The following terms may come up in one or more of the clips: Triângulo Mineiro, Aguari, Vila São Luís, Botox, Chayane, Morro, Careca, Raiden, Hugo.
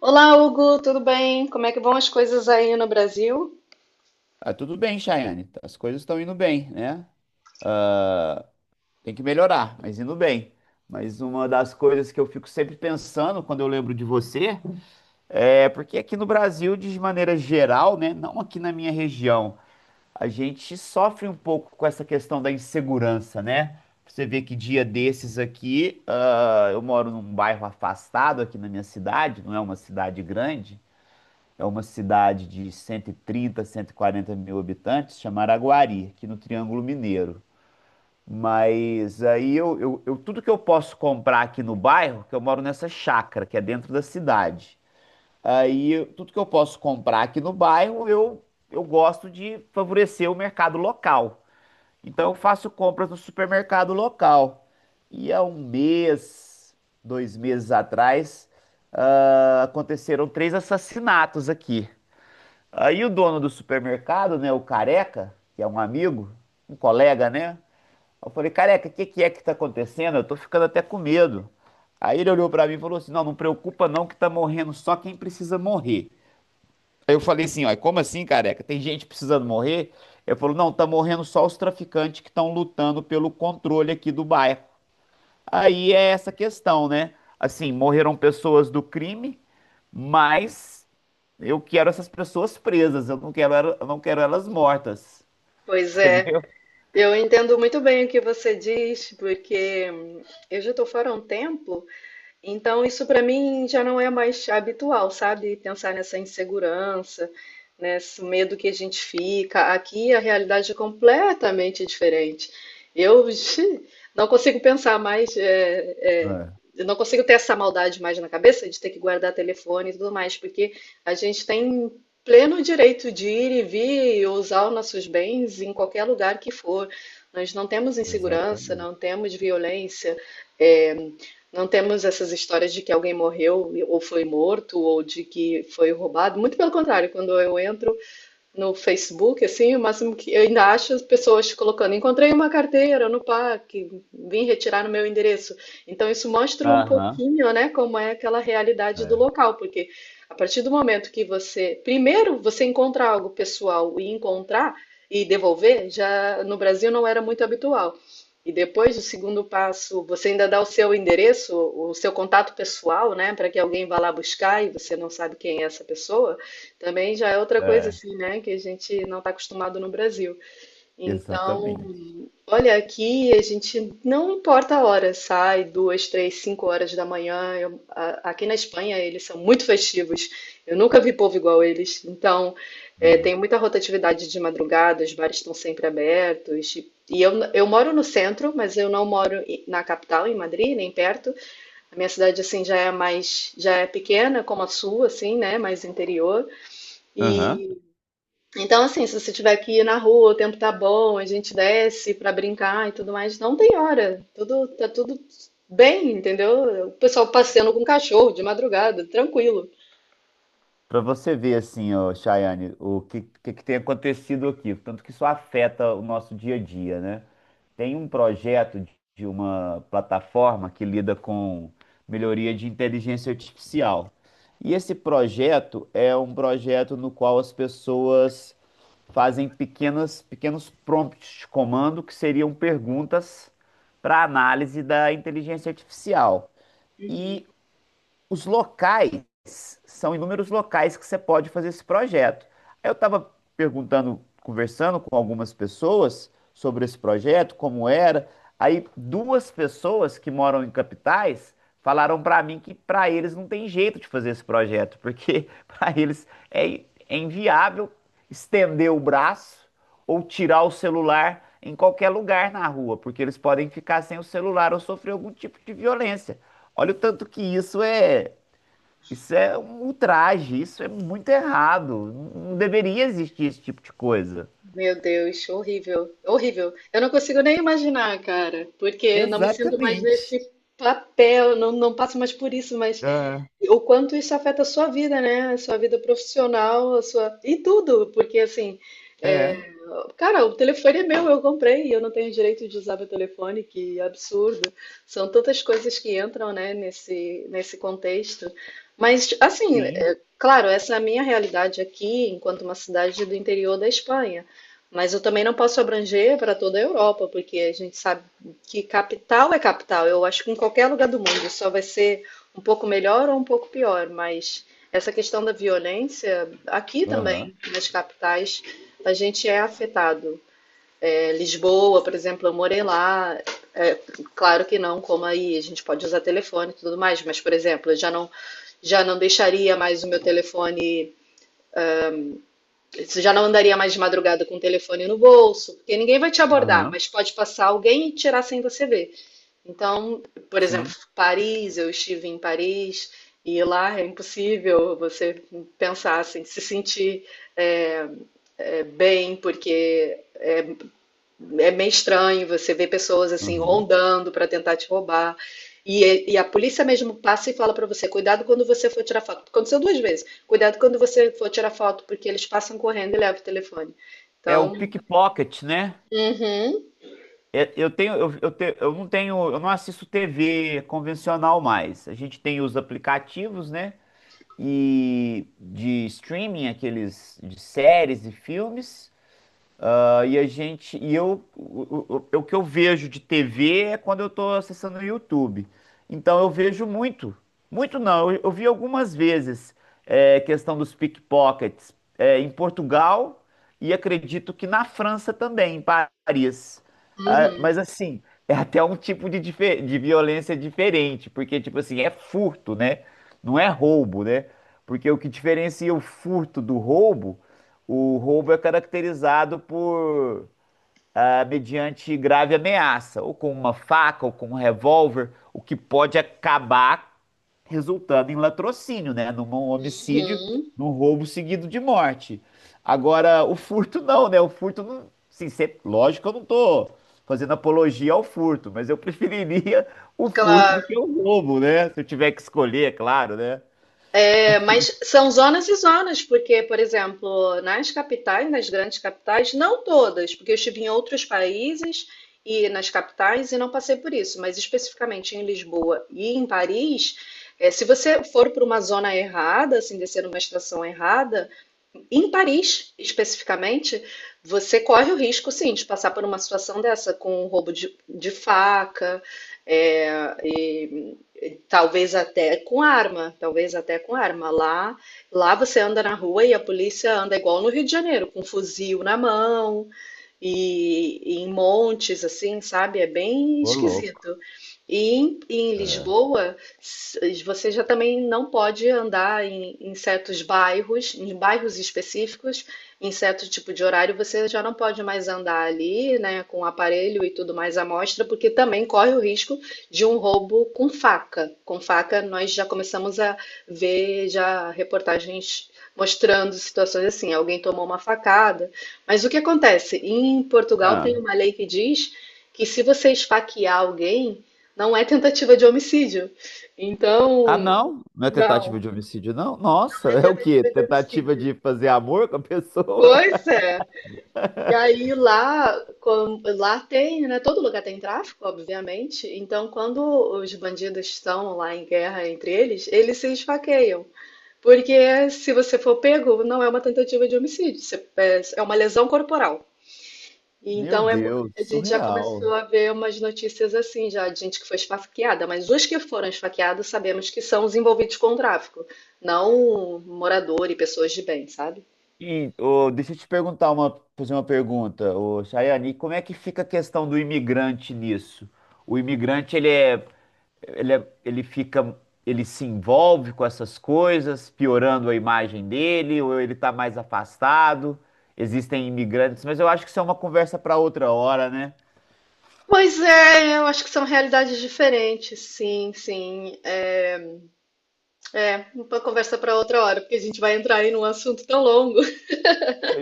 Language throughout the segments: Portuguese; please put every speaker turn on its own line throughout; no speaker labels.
Olá, Hugo, tudo bem? Como é que vão as coisas aí no Brasil?
Tudo bem, Chayane. As coisas estão indo bem, né? Tem que melhorar, mas indo bem. Mas uma das coisas que eu fico sempre pensando quando eu lembro de você é porque aqui no Brasil, de maneira geral, né? Não aqui na minha região, a gente sofre um pouco com essa questão da insegurança, né? Você vê que dia desses aqui, eu moro num bairro afastado aqui na minha cidade, não é uma cidade grande. É uma cidade de 130, 140 mil habitantes, chamada Aguari, aqui no Triângulo Mineiro. Mas aí eu- tudo que eu posso comprar aqui no bairro, que eu moro nessa chácara, que é dentro da cidade. Tudo que eu posso comprar aqui no bairro, eu gosto de favorecer o mercado local. Então eu faço compras no supermercado local. E há um mês, dois meses atrás, aconteceram três assassinatos aqui. Aí o dono do supermercado, né, o Careca, que é um amigo, um colega, né? Eu falei: Careca, o que que é que tá acontecendo? Eu tô ficando até com medo. Aí ele olhou pra mim e falou assim: Não, não preocupa não, que tá morrendo só quem precisa morrer. Aí eu falei assim: Ó, como assim, Careca? Tem gente precisando morrer? Ele falou: Não, tá morrendo só os traficantes que estão lutando pelo controle aqui do bairro. Aí é essa questão, né? Assim, morreram pessoas do crime, mas eu quero essas pessoas presas, eu não quero elas mortas,
Pois é,
entendeu?
eu entendo muito bem o que você diz, porque eu já estou fora há um tempo. Então, isso para mim já não é mais habitual, sabe? Pensar nessa insegurança, nesse medo que a gente fica. Aqui a realidade é completamente diferente. Eu ixi, não consigo pensar mais, é,
É,
eu não consigo ter essa maldade mais na cabeça de ter que guardar telefone e tudo mais, porque a gente tem pleno direito de ir e vir e usar os nossos bens em qualquer lugar que for. Nós não temos insegurança,
exatamente.
não temos violência. é, não temos essas histórias de que alguém morreu ou foi morto ou de que foi roubado. Muito pelo contrário, quando eu entro no Facebook, assim, o máximo que eu ainda acho as pessoas colocando, encontrei uma carteira no parque, vim retirar no meu endereço. Então isso mostra um
Aham,
pouquinho, né, como é aquela realidade do
é,
local, porque a partir do momento que você, primeiro você encontra algo pessoal e encontrar e devolver, já no Brasil não era muito habitual. E depois, o segundo passo, você ainda dá o seu endereço, o seu contato pessoal, né, para que alguém vá lá buscar e você não sabe quem é essa pessoa. Também já é outra coisa
é,
assim, né, que a gente não está acostumado no Brasil. Então,
exatamente.
olha, aqui a gente não importa a hora, sai duas, três, cinco horas da manhã. Aqui na Espanha eles são muito festivos. Eu nunca vi povo igual eles. Então, é,
É.
tem muita rotatividade de madrugada, os bares estão sempre abertos. E eu moro no centro, mas eu não moro na capital, em Madrid, nem perto. A minha cidade assim já é mais, já é pequena como a sua, assim, né, mais interior.
Aham.
E então, assim, se você tiver que ir na rua, o tempo tá bom, a gente desce pra brincar e tudo mais, não tem hora. Tudo, tá tudo bem, entendeu? O pessoal passeando com cachorro de madrugada, tranquilo.
Para você ver assim, ó, Chayane, o que tem acontecido aqui, tanto que isso afeta o nosso dia a dia, né? Tem um projeto de uma plataforma que lida com melhoria de inteligência artificial. E esse projeto é um projeto no qual as pessoas fazem pequenos prompts de comando que seriam perguntas para análise da inteligência artificial. E os locais, são inúmeros locais que você pode fazer esse projeto. Aí eu estava perguntando, conversando com algumas pessoas sobre esse projeto, como era. Aí duas pessoas que moram em capitais falaram para mim que para eles não tem jeito de fazer esse projeto, porque é inviável estender o braço ou tirar o celular em qualquer lugar na rua, porque eles podem ficar sem o celular ou sofrer algum tipo de violência. Olha o tanto que isso é um ultraje, isso é muito errado. Não deveria existir esse tipo de coisa.
Meu Deus, horrível, horrível. Eu não consigo nem imaginar, cara, porque não me sinto mais
Exatamente.
nesse papel, não, não passo mais por isso, mas.
É,
E o quanto isso afeta a sua vida, né? A sua vida profissional, a sua... e tudo, porque assim, é,
é.
cara, o telefone é meu, eu comprei e eu não tenho direito de usar meu telefone, que absurdo. São tantas coisas que entram, né, nesse contexto. Mas, assim,
Sim,
é, claro, essa é a minha realidade aqui, enquanto uma cidade do interior da Espanha. Mas eu também não posso abranger para toda a Europa, porque a gente sabe que capital é capital. Eu acho que em qualquer lugar do mundo só vai ser um pouco melhor ou um pouco pior, mas essa questão da violência, aqui
aham,
também, nas capitais, a gente é afetado. É, Lisboa, por exemplo, eu morei lá, é, claro que não, como aí, a gente pode usar telefone e tudo mais, mas, por exemplo, eu já não deixaria mais o meu telefone. Já não andaria mais de madrugada com o telefone no bolso, porque ninguém vai te abordar,
aham,
mas pode passar alguém e tirar sem você ver. Então, por exemplo,
sim,
Paris, eu estive em Paris e lá é impossível você pensar assim, se sentir é, bem, porque é meio estranho você ver pessoas assim
aham.
rondando para tentar te roubar. E a polícia mesmo passa e fala para você, cuidado quando você for tirar foto. Aconteceu duas vezes. Cuidado quando você for tirar foto, porque eles passam correndo e levam o telefone.
É o
Então,
pickpocket, né?
uhum,
É, eu não tenho, eu não assisto TV convencional mais. A gente tem os aplicativos, né? E de streaming, aqueles de séries e filmes. E a gente, e eu, o que eu vejo de TV é quando eu tô acessando o YouTube. Então eu vejo muito, muito não, eu vi algumas vezes questão dos pickpockets em Portugal e acredito que na França também, em Paris. Ah,
uhum,
mas assim, é até um tipo de, de violência diferente, porque tipo assim, é furto, né? Não é roubo, né? Porque o que diferencia o furto do roubo, o roubo é caracterizado por mediante grave ameaça, ou com uma faca, ou com um revólver, o que pode acabar resultando em latrocínio, né? Num homicídio,
uhum.
num roubo seguido de morte. Agora, o furto não, né? O furto não. Lógico que eu não tô fazendo apologia ao furto, mas eu preferiria o furto do que
Claro.
o roubo, né? Se eu tiver que escolher, é claro, né?
É, mas são zonas e zonas, porque, por exemplo, nas capitais, nas grandes capitais, não todas, porque eu estive em outros países e nas capitais e não passei por isso, mas especificamente em Lisboa e em Paris, é, se você for para uma zona errada, assim, descer numa estação errada, em Paris, especificamente, você corre o risco, sim, de passar por uma situação dessa, com um roubo de faca, é, e talvez até com arma, talvez até com arma. Lá, lá você anda na rua e a polícia anda igual no Rio de Janeiro, com um fuzil na mão, e em montes, assim, sabe? É bem
Ô, louco.
esquisito. E em
É.
Lisboa, você já também não pode andar em certos bairros, em bairros específicos, em certo tipo de horário, você já não pode mais andar ali, né, com aparelho e tudo mais à mostra, porque também corre o risco de um roubo com faca. Com faca, nós já começamos a ver já reportagens mostrando situações assim, alguém tomou uma facada. Mas o que acontece? Em Portugal tem
Ah.
uma lei que diz que se você esfaquear alguém, não é tentativa de homicídio.
Ah,
Então,
não? Não é
não,
tentativa de homicídio, não? Nossa,
não é
é o quê?
tentativa de
Tentativa
homicídio.
de fazer amor com a pessoa?
Pois é. E aí lá, lá tem, né? Todo lugar tem tráfico, obviamente. Então, quando os bandidos estão lá em guerra entre eles, eles se esfaqueiam. Porque se você for pego, não é uma tentativa de homicídio, é uma lesão corporal.
Meu
Então é mu-
Deus,
a gente já começou
surreal.
a ver umas notícias assim já de gente que foi esfaqueada, mas os que foram esfaqueados sabemos que são os envolvidos com o tráfico, não morador e pessoas de bem, sabe?
Ô, deixa eu te perguntar uma, fazer uma pergunta, ô, Chayane, e como é que fica a questão do imigrante nisso? O imigrante, ele é, ele é- ele fica, Ele se envolve com essas coisas, piorando a imagem dele, ou ele está mais afastado? Existem imigrantes, mas eu acho que isso é uma conversa para outra hora, né?
Pois é, eu acho que são realidades diferentes, sim, sim. É, é uma conversa para outra hora, porque a gente vai entrar aí num assunto tão longo.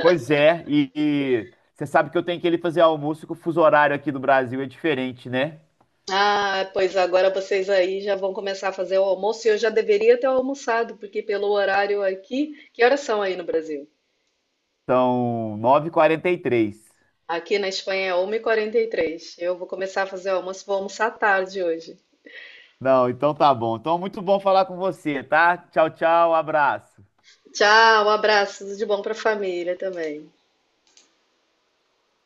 Pois é, e você sabe que eu tenho que ele fazer almoço, que o fuso horário aqui do Brasil é diferente, né?
Ah, pois agora vocês aí já vão começar a fazer o almoço e eu já deveria ter almoçado, porque pelo horário aqui, que horas são aí no Brasil?
São 9:43.
Aqui na Espanha é 1h43. Eu vou começar a fazer o almoço, vou almoçar tarde hoje.
Não, então tá bom. Então, muito bom falar com você, tá? Tchau, tchau, abraço.
Tchau, um abraço, tudo de bom para a família também.